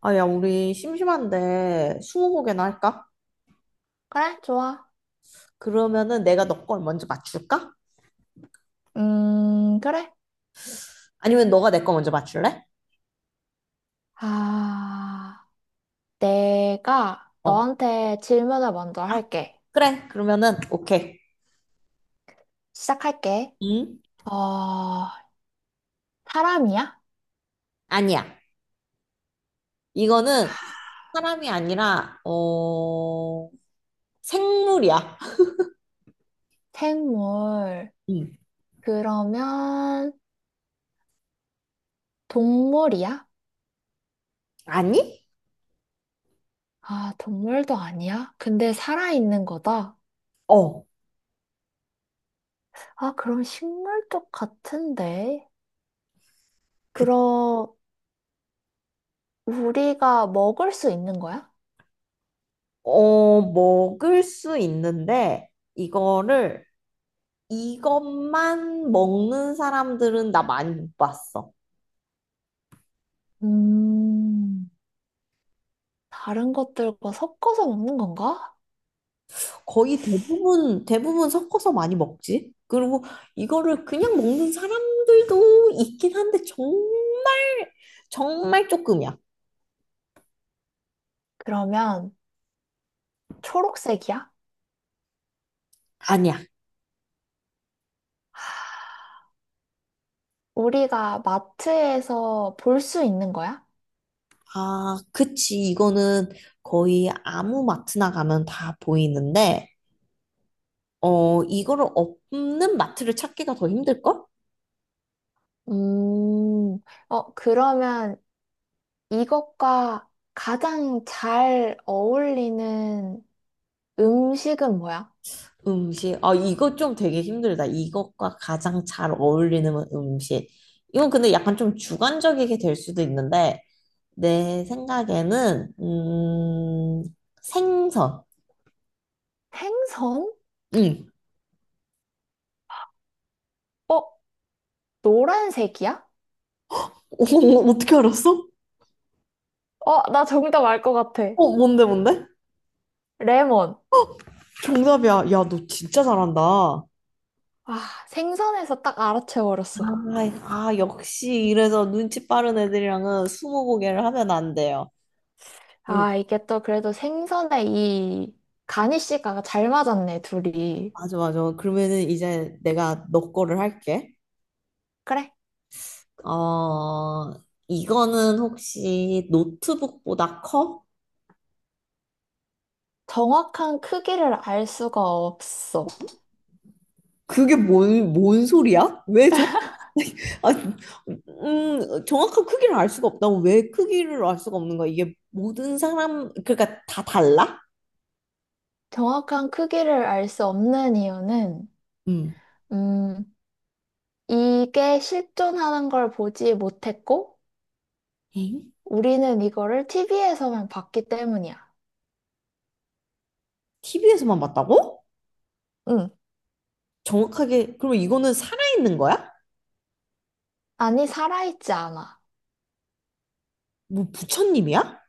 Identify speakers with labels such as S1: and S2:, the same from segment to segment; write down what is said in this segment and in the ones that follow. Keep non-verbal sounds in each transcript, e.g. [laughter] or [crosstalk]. S1: 아, 야, 우리 심심한데 스무고개나 할까?
S2: 그래, 좋아.
S1: 그러면은 내가 너 걸 먼저 맞출까?
S2: 그래.
S1: 아니면 너가 내 거 먼저 맞출래?
S2: 아, 내가
S1: 어,
S2: 너한테 질문을 먼저 할게.
S1: 그래. 그러면은 오케이.
S2: 시작할게.
S1: 응?
S2: 어, 사람이야?
S1: 아니야. 이거는 사람이 아니라 생물이야.
S2: 생물.
S1: 응.
S2: 그러면 동물이야?
S1: 아니?
S2: 아, 동물도 아니야? 근데 살아있는 거다.
S1: 어,
S2: 아, 그럼 식물 쪽 같은데.
S1: 그,
S2: 그럼 우리가 먹을 수 있는 거야?
S1: 먹을 수 있는데 이거를 이것만 먹는 사람들은 나 많이 못 봤어.
S2: 음, 다른 것들과 섞어서 먹는 건가?
S1: 거의 대부분 섞어서 많이 먹지. 그리고 이거를 그냥 먹는 사람들도 있긴 한데, 정말, 정말 조금이야.
S2: 그러면 초록색이야?
S1: 아니야.
S2: 우리가 마트에서 볼 수 있는 거야?
S1: 아, 그치. 이거는 거의 아무 마트나 가면 다 보이는데, 어, 이거를 없는 마트를 찾기가 더 힘들걸?
S2: 음, 그러면 이것과 가장 잘 어울리는 음식은 뭐야?
S1: 음식. 아, 이거 좀 되게 힘들다. 이것과 가장 잘 어울리는 음식. 이건 근데 약간 좀 주관적이게 될 수도 있는데, 내 생각에는, 생선.
S2: 생선?
S1: 응.
S2: 어, 노란색이야?
S1: 어, 어, 어, 어떻게 알았어?
S2: 나 정답 알 것 같아.
S1: 어, 뭔데, 뭔데?
S2: 레몬.
S1: 정답이야. 야, 너 진짜 잘한다. 아,
S2: 아, 생선에서 딱 알아채버렸어.
S1: 아, 역시 이래서 눈치 빠른 애들이랑은 스무고개를 하면 안 돼요. 응.
S2: 아, 이게 또 그래도 생선에 이 가니쉬가 잘 맞았네, 둘이.
S1: 맞아, 맞아. 그러면은 이제 내가 너 거를 할게.
S2: 그래.
S1: 어, 이거는 혹시 노트북보다 커?
S2: 정확한 크기를 알 수가 없어.
S1: 그게 뭔 소리야? 왜 정, [laughs] 아, 정확한 크기를 알 수가 없다고 왜 크기를 알 수가 없는 거야? 이게 모든 사람, 그러니까 다 달라?
S2: 정확한 크기를 알 수 없는 이유는,
S1: 음.
S2: 음, 이게 실존하는 걸 보지 못했고,
S1: 엥?
S2: 우리는 이거를 TV에서만 봤기 때문이야.
S1: TV에서만 봤다고?
S2: 응.
S1: 정확하게, 그러면 이거는 살아있는 거야?
S2: 아니, 살아있지 않아.
S1: 뭐 부처님이야?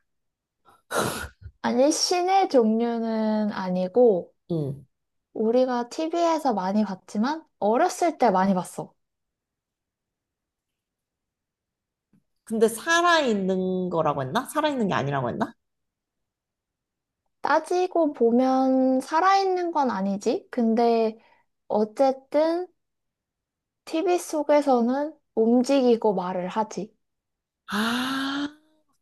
S2: 아니, 신의 종류는 아니고,
S1: 응.
S2: 우리가 TV에서 많이 봤지만, 어렸을 때 많이 봤어.
S1: 근데 살아있는 거라고 했나? 살아있는 게 아니라고 했나?
S2: 따지고 보면 살아있는 건 아니지. 근데, 어쨌든, TV 속에서는 움직이고 말을 하지.
S1: 아,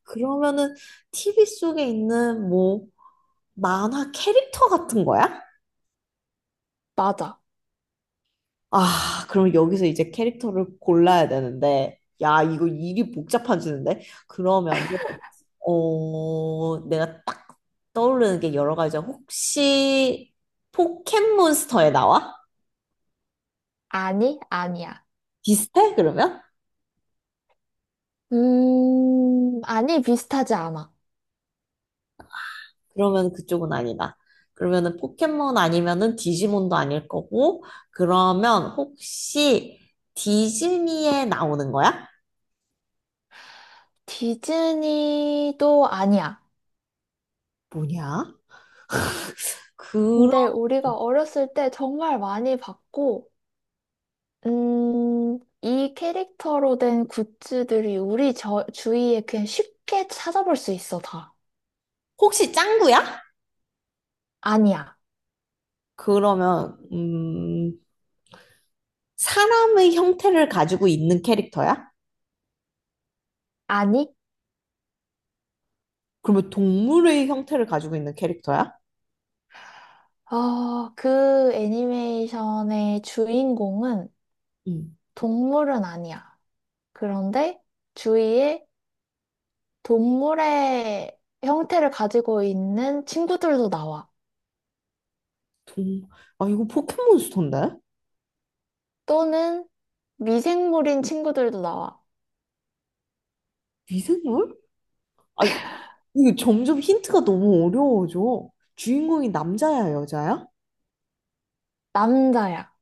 S1: 그러면은 TV 속에 있는 뭐 만화 캐릭터 같은 거야?
S2: 맞아.
S1: 아, 그럼 여기서 이제 캐릭터를 골라야 되는데, 야, 이거 일이 복잡해지는데? 그러면은, 어, 내가 딱 떠오르는 게 여러 가지야. 혹시 포켓몬스터에 나와?
S2: 아니, 아니야.
S1: 비슷해? 그러면?
S2: 아니, 비슷하지 않아.
S1: 그러면 그쪽은 아니다. 그러면은 포켓몬 아니면은 디지몬도 아닐 거고, 그러면 혹시 디즈니에 나오는 거야?
S2: 디즈니도 아니야.
S1: 뭐냐? 그럼
S2: 근데 우리가 어렸을 때 정말 많이 봤고, 이 캐릭터로 된 굿즈들이 우리 주위에 그냥 쉽게 찾아볼 수 있어, 다.
S1: 혹시 짱구야?
S2: 아니야.
S1: 그러면, 사람의 형태를 가지고 있는 캐릭터야?
S2: 아니?
S1: 그러면 동물의 형태를 가지고 있는 캐릭터야?
S2: 그 애니메이션의 주인공은
S1: 음,
S2: 동물은 아니야. 그런데 주위에 동물의 형태를 가지고 있는 친구들도 나와.
S1: 동, 아, 이거 포켓몬스터인데?
S2: 또는 미생물인 친구들도 나와.
S1: 미생물? 아, 이거 점점 힌트가 너무 어려워져. 주인공이 남자야, 여자야?
S2: 남자야.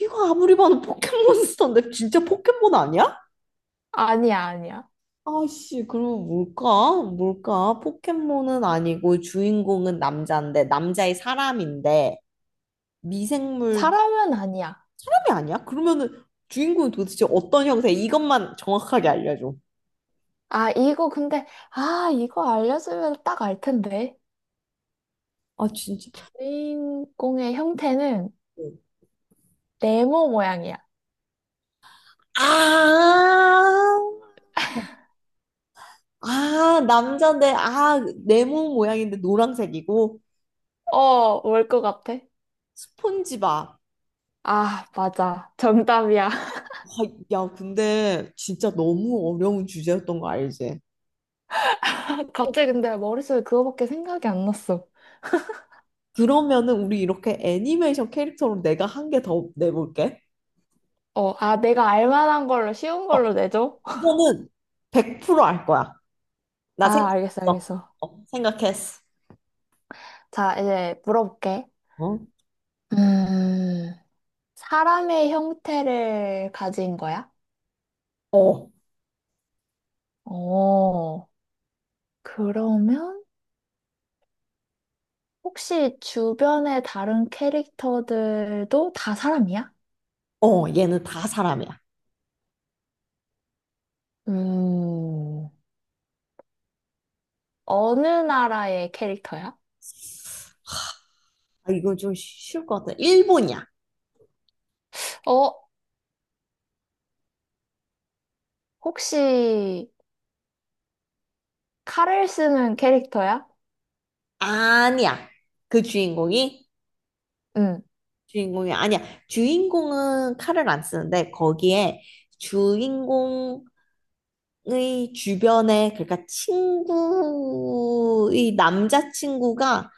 S1: 이거 아무리 봐도 포켓몬스터인데 진짜 포켓몬 아니야?
S2: 아니야, 아니야.
S1: 아씨, 그럼 뭘까? 뭘까? 포켓몬은 아니고 주인공은 남자인데 남자의 사람인데 미생물
S2: 사람은 아니야.
S1: 사람이 아니야? 그러면은 주인공이 도대체 어떤 형태? 이것만 정확하게 알려줘.
S2: 아, 이거 근데, 아, 이거 알려주면 딱 알 텐데.
S1: 아, 진짜.
S2: 주인공의 형태는 네모 모양이야.
S1: 아, 아, 남잔데, 아, 네모 모양인데 노란색이고,
S2: 뭘 것 같아?
S1: 스폰지밥.
S2: 아, 맞아. 정답이야.
S1: 아, 야, 근데 진짜 너무 어려운 주제였던 거 알지?
S2: [laughs]
S1: 어,
S2: 갑자기 근데 머릿속에 그거밖에 생각이 안 났어.
S1: 그러면은 우리 이렇게 애니메이션 캐릭터로 내가 한 개 더 내볼게.
S2: 아, 내가 알 만한 걸로, 쉬운
S1: 어,
S2: 걸로 내줘? [laughs]
S1: 이거는 100% 알 거야. 나
S2: 아, 알겠어,
S1: 생각했어.
S2: 알겠어.
S1: 어, 생각했어.
S2: 자, 이제 물어볼게.
S1: 어?
S2: 음, 사람의 형태를 가진 거야?
S1: 어,
S2: 어, 그러면 혹시 주변의 다른 캐릭터들도 다 사람이야?
S1: 어, 얘는 다 사람이야.
S2: 음, 어느 나라의 캐릭터야?
S1: 아, 이거 좀 쉬울 것 같아. 일본이야.
S2: 어, 혹시 칼을 쓰는 캐릭터야?
S1: 아니야. 그 주인공이?
S2: 응.
S1: 주인공이 아니야. 주인공은 칼을 안 쓰는데 거기에 주인공의 주변에 그러니까 친구의 남자친구가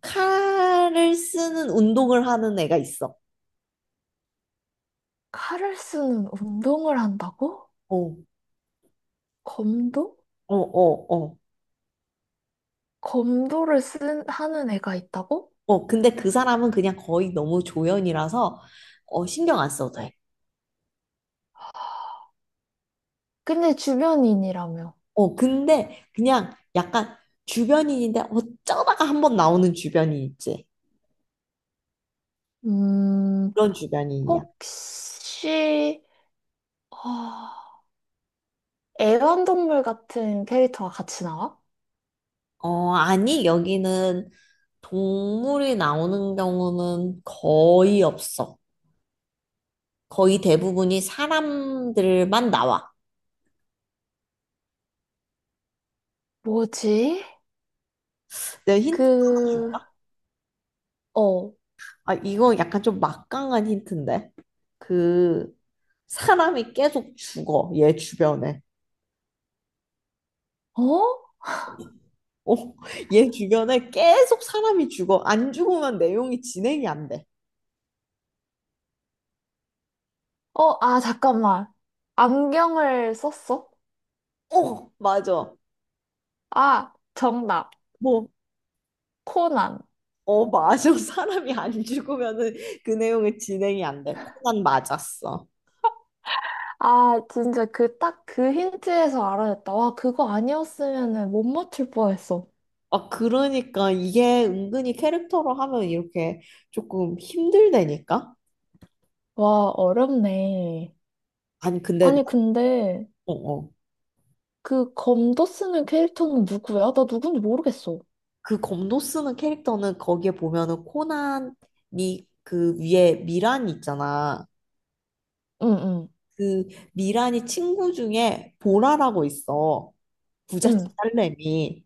S1: 칼을 쓰는 운동을 하는 애가 있어.
S2: 칼을 쓰는 운동을 한다고?
S1: 어,
S2: 검도?
S1: 어, 어, 어.
S2: 검도를 하는 애가 있다고?
S1: 어, 근데 그 사람은 그냥 거의 너무 조연이라서 어, 신경 안 써도 돼.
S2: 근데 주변인이라며.
S1: 어, 근데 그냥 약간 주변인인데 어쩌다가 한번 나오는 주변인 있지.
S2: 음,
S1: 그런 주변인이야.
S2: 혹시, 아, 애완동물 같은 캐릭터가 같이 나와?
S1: 어, 아니, 여기는 동물이 나오는 경우는 거의 없어. 거의 대부분이 사람들만 나와.
S2: 뭐지?
S1: 내 힌트,
S2: 그, 어,
S1: 아, 이거 약간 좀 막강한 힌트인데. 그, 사람이 계속 죽어, 얘 주변에.
S2: 어?
S1: 어, 얘 주변에 계속 사람이 죽어. 안 죽으면 내용이 진행이 안 돼.
S2: 아, 잠깐만. 안경을 썼어?
S1: 어, 맞아.
S2: 아, 정답.
S1: 뭐,
S2: 코난.
S1: 어, 맞아. [laughs] 사람이 안 죽으면은 그 내용이 진행이 안 돼. 코난 맞았어.
S2: 아, 진짜 그, 딱 그 힌트에서 알아냈다. 와, 그거 아니었으면 못 맞출 뻔했어.
S1: 아, 그러니까 이게 은근히 캐릭터로 하면 이렇게 조금 힘들다니까?
S2: 와, 어렵네.
S1: 아니, 근데,
S2: 아니,
S1: 나-
S2: 근데,
S1: 어, 어.
S2: 그 검도 쓰는 캐릭터는 누구야? 나 누군지 모르겠어.
S1: 그 검도 쓰는 캐릭터는 거기에 보면은 코난이 그 위에 미란이 있잖아.
S2: 응,
S1: 그 미란이 친구 중에 보라라고 있어.
S2: 응,
S1: 부잣집
S2: 응.
S1: 딸내미.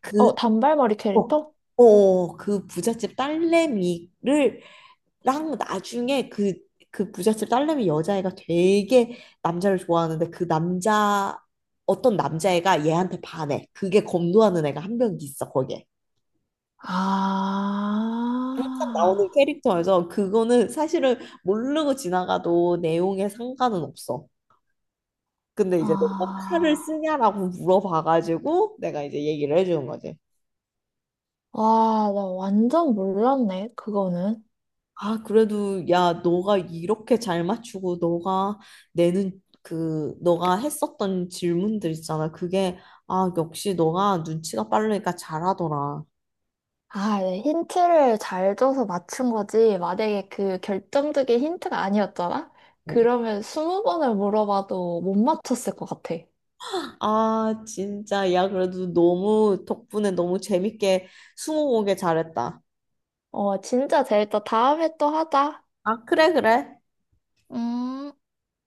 S1: 그
S2: 단발머리
S1: 어,
S2: 캐릭터?
S1: 어, 그 부잣집 딸내미를 랑 나중에 그, 그 부잣집 딸내미 여자애가 되게 남자를 좋아하는데 그 남자 어떤 남자애가 얘한테 반해. 그게 검도하는 애가 한 명 있어 거기에. 딱
S2: 아,
S1: 나오는 캐릭터여서 그거는 사실은 모르고 지나가도 내용에 상관은 없어. 근데 이제 내가 칼을
S2: 아,
S1: 쓰냐라고 물어봐가지고 내가 이제 얘기를 해주는 거지.
S2: 와, 나 완전 몰랐네, 그거는.
S1: 아, 그래도 야, 너가 이렇게 잘 맞추고 너가 내는 그 너가 했었던 질문들 있잖아. 그게 아, 역시 너가 눈치가 빠르니까 잘하더라.
S2: 아, 네, 힌트를 잘 줘서 맞춘 거지. 만약에 그 결정적인 힌트가 아니었잖아?
S1: 어.
S2: 그러면 스무 번을 물어봐도 못 맞췄을 것 같아.
S1: 아, 진짜 야, 그래도 너무 덕분에 너무 재밌게 스무고개 잘했다.
S2: 진짜 재밌다. 다음에 또 하자.
S1: 아, 그래, 그래.
S2: 음.